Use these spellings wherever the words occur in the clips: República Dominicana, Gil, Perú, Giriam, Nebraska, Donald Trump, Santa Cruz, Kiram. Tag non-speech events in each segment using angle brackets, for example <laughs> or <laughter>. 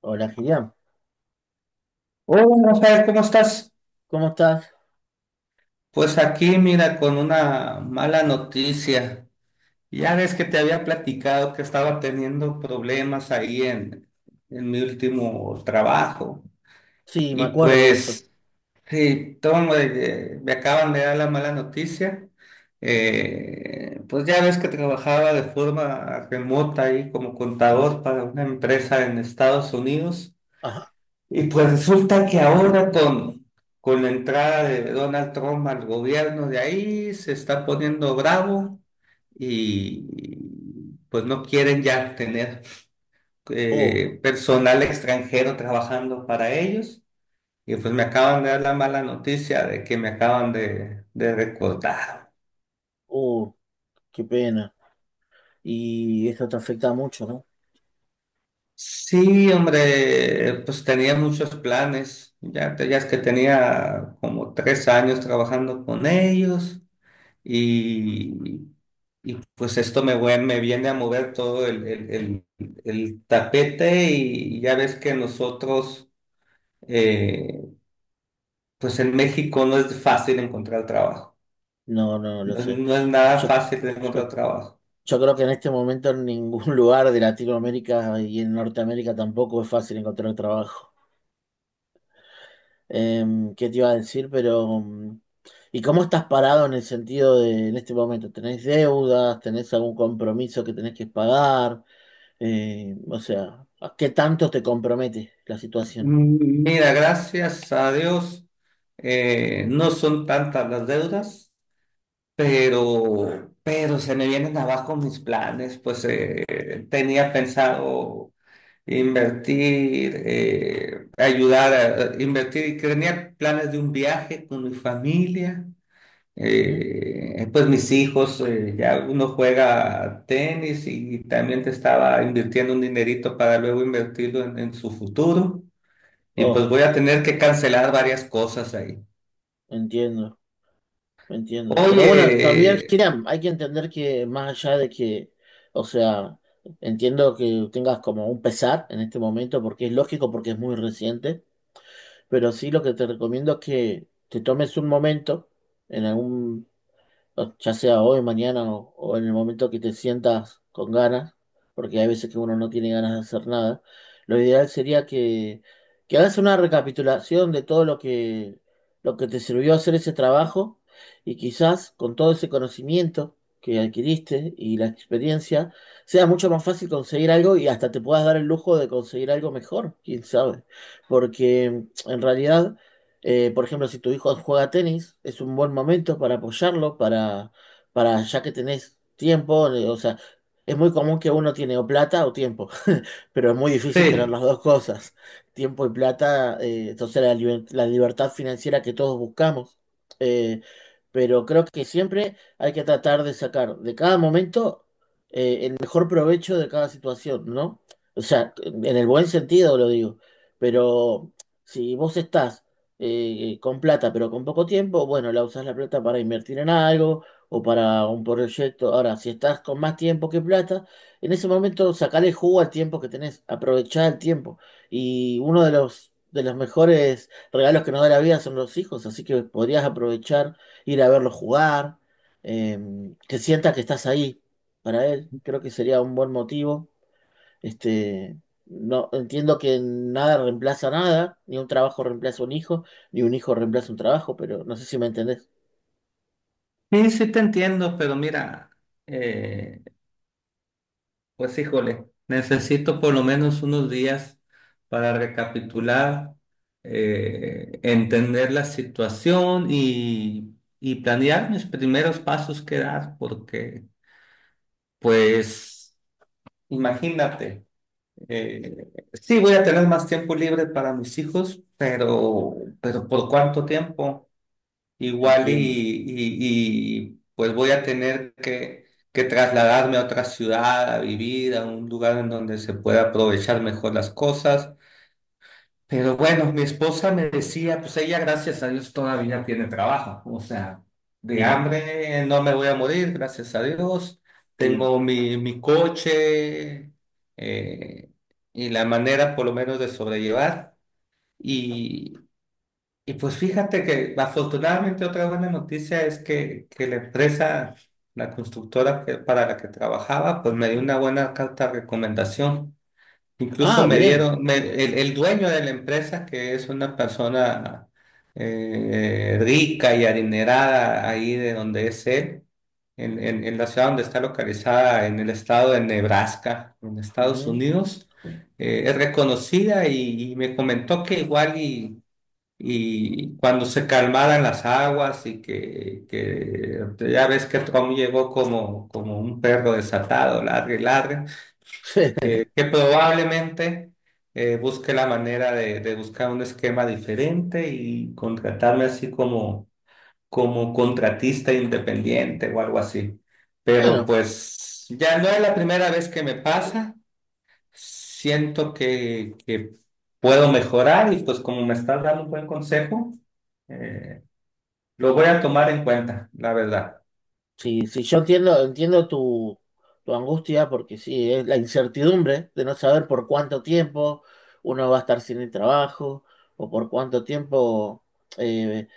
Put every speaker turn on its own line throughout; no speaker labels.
Hola, Giriam.
Hola, Rafael, ¿cómo estás?
¿Cómo estás?
Pues aquí, mira, con una mala noticia. Ya ves que te había platicado que estaba teniendo problemas ahí en mi último trabajo.
Sí, me
Y
acuerdo de eso.
pues, sí, toma, me acaban de dar la mala noticia. Pues ya ves que trabajaba de forma remota ahí como contador para una empresa en Estados Unidos.
Ajá.
Y pues resulta que ahora con la entrada de Donald Trump al gobierno de ahí se está poniendo bravo y pues no quieren ya tener
Oh,
personal extranjero trabajando para ellos. Y pues me acaban de dar la mala noticia de que me acaban de recortar.
oh, qué pena. Y eso te afecta mucho, ¿no?
Sí, hombre, pues tenía muchos planes. Ya, ya es que tenía como tres años trabajando con ellos. y, pues esto me viene a mover todo el tapete y ya ves que nosotros, eh, pues en México no es fácil encontrar trabajo,
No, no, lo sé.
no es nada
Yo,
fácil
yo,
encontrar trabajo.
yo creo que en este momento en ningún <laughs> lugar de Latinoamérica y en Norteamérica tampoco es fácil encontrar trabajo. ¿Qué te iba a decir? Pero, ¿y cómo estás parado en el sentido de, en este momento, ¿tenés deudas? ¿Tenés algún compromiso que tenés que pagar? O sea, ¿a qué tanto te compromete la situación?
Mira, gracias a Dios, no son tantas las deudas. Pero se me vienen abajo mis planes, pues tenía pensado invertir, ayudar a invertir y crear planes de un viaje con mi familia.
¿Mm?
Pues mis hijos, ya uno juega tenis y también te estaba invirtiendo un dinerito para luego invertirlo en su futuro. Y
Oh,
pues voy a tener que cancelar varias cosas ahí.
entiendo, entiendo. Pero bueno, también,
Oye,
Kiram, hay que entender que más allá de que, o sea, entiendo que tengas como un pesar en este momento, porque es lógico, porque es muy reciente. Pero sí, lo que te recomiendo es que te tomes un momento en algún, o ya sea hoy, mañana o en el momento que te sientas con ganas, porque hay veces que uno no tiene ganas de hacer nada, lo ideal sería que hagas una recapitulación de todo lo que te sirvió hacer ese trabajo y quizás con todo ese conocimiento que adquiriste y la experiencia, sea mucho más fácil conseguir algo y hasta te puedas dar el lujo de conseguir algo mejor, quién sabe, porque en realidad... Por ejemplo, si tu hijo juega tenis, es un buen momento para apoyarlo, para ya que tenés tiempo, o sea, es muy común que uno tiene o plata o tiempo, <laughs> pero es muy difícil tener
sí,
las dos cosas, tiempo y plata, entonces la, liber- la libertad financiera que todos buscamos. eh, pero creo que siempre hay que tratar de sacar de cada momento el mejor provecho de cada situación, ¿no? O sea, en el buen sentido lo digo, pero si vos estás con plata, pero con poco tiempo, bueno, la usas la plata para invertir en algo o para un proyecto. Ahora, si estás con más tiempo que plata, en ese momento sacale jugo al tiempo que tenés, aprovechá el tiempo. Y uno de los mejores regalos que nos da la vida son los hijos, así que podrías aprovechar, ir a verlos jugar, eh, que sienta que estás ahí para él. Creo que sería un buen motivo. Este, no entiendo que nada reemplaza nada, ni un trabajo reemplaza un hijo, ni un hijo reemplaza un trabajo, pero no sé si me entendés.
sí, sí te entiendo, pero mira, eh, pues híjole, necesito por lo menos unos días para recapitular, entender la situación y planear mis primeros pasos que dar, porque pues imagínate, sí voy a tener más tiempo libre para mis hijos, pero ¿por cuánto tiempo? Igual
Entiendo.
pues voy a tener que trasladarme a otra ciudad, a vivir, a un lugar en donde se pueda aprovechar mejor las cosas. Pero bueno, mi esposa me decía, pues ella gracias a Dios todavía tiene trabajo. O sea, de
Bien,
hambre no me voy a morir, gracias a Dios.
bien.
Tengo mi coche eh, y la manera por lo menos de sobrellevar. Y pues fíjate que afortunadamente otra buena noticia es que la empresa, la constructora para la que trabajaba, pues me dio una buena carta de recomendación. Incluso
Ah,
me
bien.
dieron, el, dueño de la empresa, que es una persona rica y adinerada ahí de donde es él, en la ciudad donde está localizada, en el estado de Nebraska, en Estados
Ujú.
Unidos, es reconocida y me comentó que igual y cuando se calmaran las aguas y que ya ves que Trump llegó como, como un perro desatado, ladre y ladre,
<laughs>
que probablemente busque la manera de buscar un esquema diferente y contratarme así como, como contratista independiente o algo así. Pero
Bueno,
pues ya no es la primera vez que me pasa, siento que puedo mejorar y pues como me estás dando un buen consejo. Eh, lo voy a tomar en cuenta, la verdad.
sí, sí, yo entiendo, entiendo tu, tu angustia, porque sí, es la incertidumbre de no saber por cuánto tiempo uno va a estar sin el trabajo, o por cuánto tiempo eh,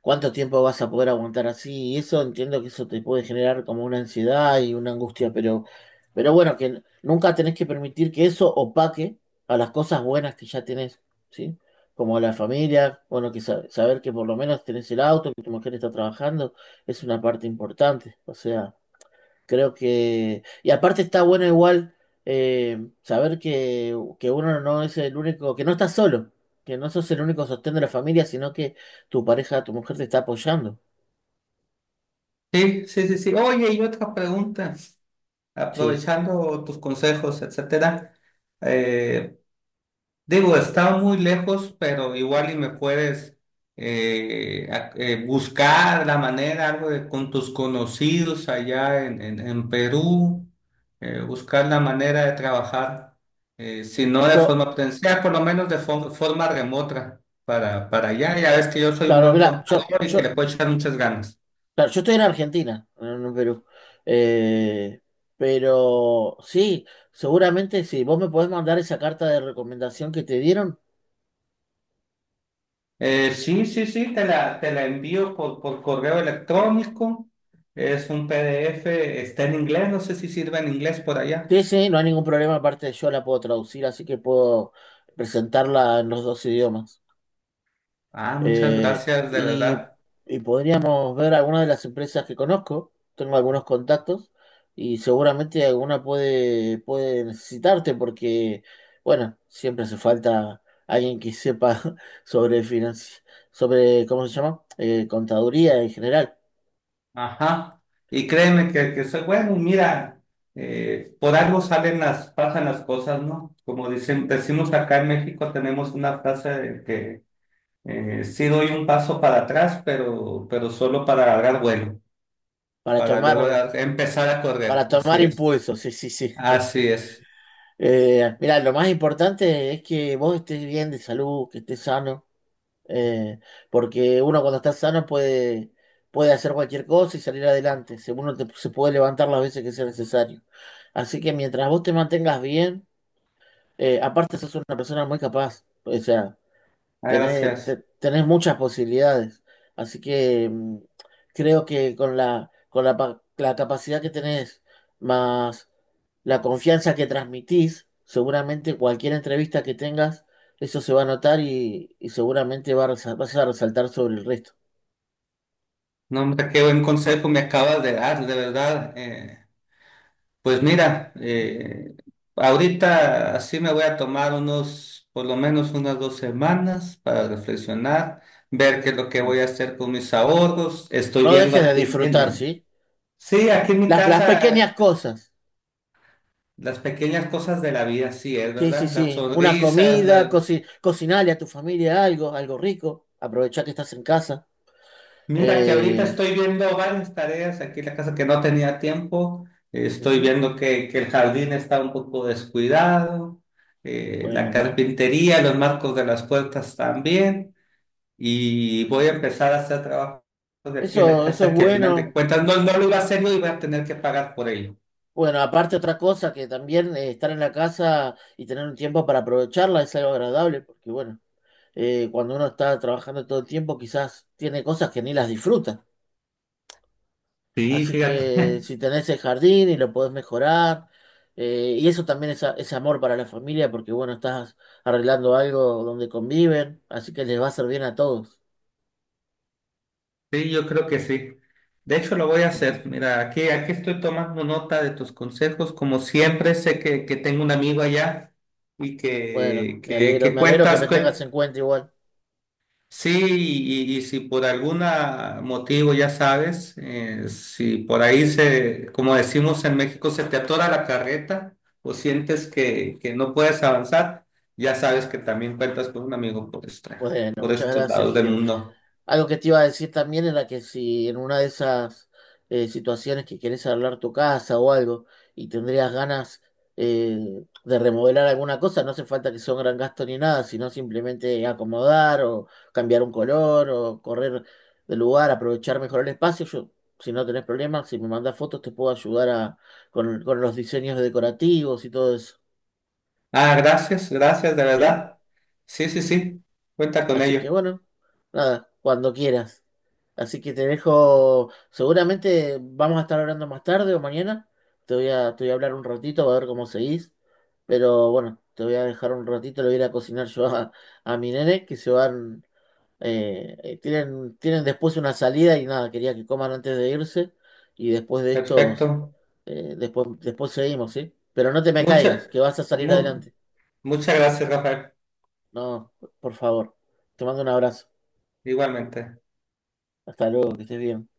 ¿cuánto tiempo vas a poder aguantar así? Y eso entiendo que eso te puede generar como una ansiedad y una angustia, pero bueno, que n- nunca tenés que permitir que eso opaque a las cosas buenas que ya tenés, ¿sí? Como la familia, bueno, que sa- saber que por lo menos tenés el auto, que tu mujer está trabajando, es una parte importante. O sea. Creo que. Y aparte está bueno igual saber que uno no es el único, que no estás solo, que no sos el único sostén de la familia, sino que tu pareja, tu mujer te está apoyando.
Sí, sí, sí, sí. Oye, y otra pregunta,
Sí.
aprovechando tus consejos, etcétera. eh, Digo, está muy lejos, pero igual y me puedes buscar la manera, algo de, con tus conocidos allá en Perú, buscar la manera de trabajar, si no de
Yo,
forma presencial, por lo menos de forma remota para allá. Ya ves que yo soy un
claro,
buen
mira, yo,
contador y que
yo,
le puedo echar muchas ganas.
claro, yo estoy en Argentina, no en Perú. Eh, pero sí, seguramente sí. Vos me podés mandar esa carta de recomendación que te dieron.
Sí, sí, sí, te la envío por correo electrónico. Es un PDF, está en inglés, no sé si sirve en inglés por allá.
Sí, sí, no hay ningún problema, aparte yo la puedo traducir, así que puedo presentarla en los dos idiomas.
Ah, muchas gracias, de
Y,
verdad.
y podríamos ver algunas de las empresas que conozco, tengo algunos contactos y seguramente alguna puede, puede necesitarte porque, bueno, siempre hace falta alguien que sepa <laughs> sobre financi- sobre, ¿cómo se llama? Contaduría en general,
Ajá. Y créeme que soy bueno, mira, por algo salen las, pasan las cosas, ¿no? Como dicen, decimos acá en México, tenemos una frase de que sí doy un paso para atrás, pero solo para agarrar vuelo,
para
para luego
tomar,
empezar a
para
correr.
tomar
Así es.
impulso, sí, sí, sí. <laughs>
Así es.
Mirá, lo más importante es que vos estés bien de salud, que estés sano. eh, Porque uno cuando está sano puede, puede hacer cualquier cosa y salir adelante. Se- Uno te- se puede levantar las veces que sea necesario. Así que mientras vos te mantengas bien, aparte sos una persona muy capaz. O sea,
Ah,
tenés, te-
gracias.
tenés muchas posibilidades. Así que creo que con la, pa- la capacidad que tenés, más la confianza que transmitís, seguramente cualquier entrevista que tengas, eso se va a notar y seguramente va a resa- vas a resaltar sobre el resto.
No, hombre, qué buen consejo me acabas de dar, de verdad. Pues mira, ahorita así me voy a tomar unos, por lo menos unas dos semanas para reflexionar, ver qué es lo que voy a hacer con mis ahorros. Estoy
No
viendo
dejes de
aquí
disfrutar, ¿sí?
sí, aquí en mi
Las
casa
pequeñas cosas.
las pequeñas cosas de la vida, sí, es
Sí, sí,
verdad, las
sí. Una
sonrisas,
comida,
las,
coci- cocinarle a tu familia algo, algo rico. Aprovechá que estás en casa.
mira que ahorita
Eh,
estoy viendo varias tareas aquí en la casa que no tenía tiempo. Estoy
mm,
viendo que el jardín está un poco descuidado, la
bueno.
carpintería, los marcos de las puertas también. Y voy a empezar a hacer trabajos de aquí en la
Eso es
casa que al final de
bueno.
cuentas no, no lo iba a hacer yo y voy a tener que pagar por ello.
Bueno, aparte otra cosa que también estar en la casa y tener un tiempo para aprovecharla es algo agradable, porque bueno, cuando uno está trabajando todo el tiempo quizás tiene cosas que ni las disfruta.
Sí,
Así
fíjate.
que si tenés el jardín y lo podés mejorar, y eso también es, a- es amor para la familia, porque bueno, estás arreglando algo donde conviven, así que les va a hacer bien a todos.
Sí, yo creo que sí. De hecho, lo voy a
Sí, sí,
hacer.
sí.
Mira, aquí, aquí estoy tomando nota de tus consejos. Como siempre, sé que tengo un amigo allá y
Bueno,
que
me alegro que
cuentas.
me tengas en cuenta igual.
Sí, y si por algún motivo, ya sabes, si por ahí se, como decimos en México, se te atora la carreta o sientes que no puedes avanzar, ya sabes que también cuentas con un amigo
Bueno,
por
muchas
estos
gracias,
lados del
Gil.
mundo.
Algo que te iba a decir también era que si en una de esas situaciones que querés arreglar tu casa o algo y tendrías ganas de remodelar alguna cosa, no hace falta que sea un gran gasto ni nada, sino simplemente acomodar o cambiar un color o correr de lugar, aprovechar mejor el espacio. Yo, si no tenés problemas, si me mandás fotos te puedo ayudar a, con los diseños decorativos y todo eso.
Ah, gracias, gracias, de
¿Sí?
verdad. Sí, sí, sí, cuenta con
Así que
ello.
bueno, nada, cuando quieras. Así que te dejo, seguramente vamos a estar hablando más tarde o mañana. Te voy a hablar un ratito, a ver cómo seguís. Pero bueno, te voy a dejar un ratito, le voy a ir a cocinar yo a mi nene, que se van, tienen, tienen después una salida y nada, quería que coman antes de irse. Y después de estos,
Perfecto.
después, después seguimos, ¿sí? Pero no te me
Mucha,
caigas, que vas a salir
mu-
adelante.
muchas gracias, Rafael.
No, por favor. Te mando un abrazo.
Igualmente.
Hasta luego, que estés bien.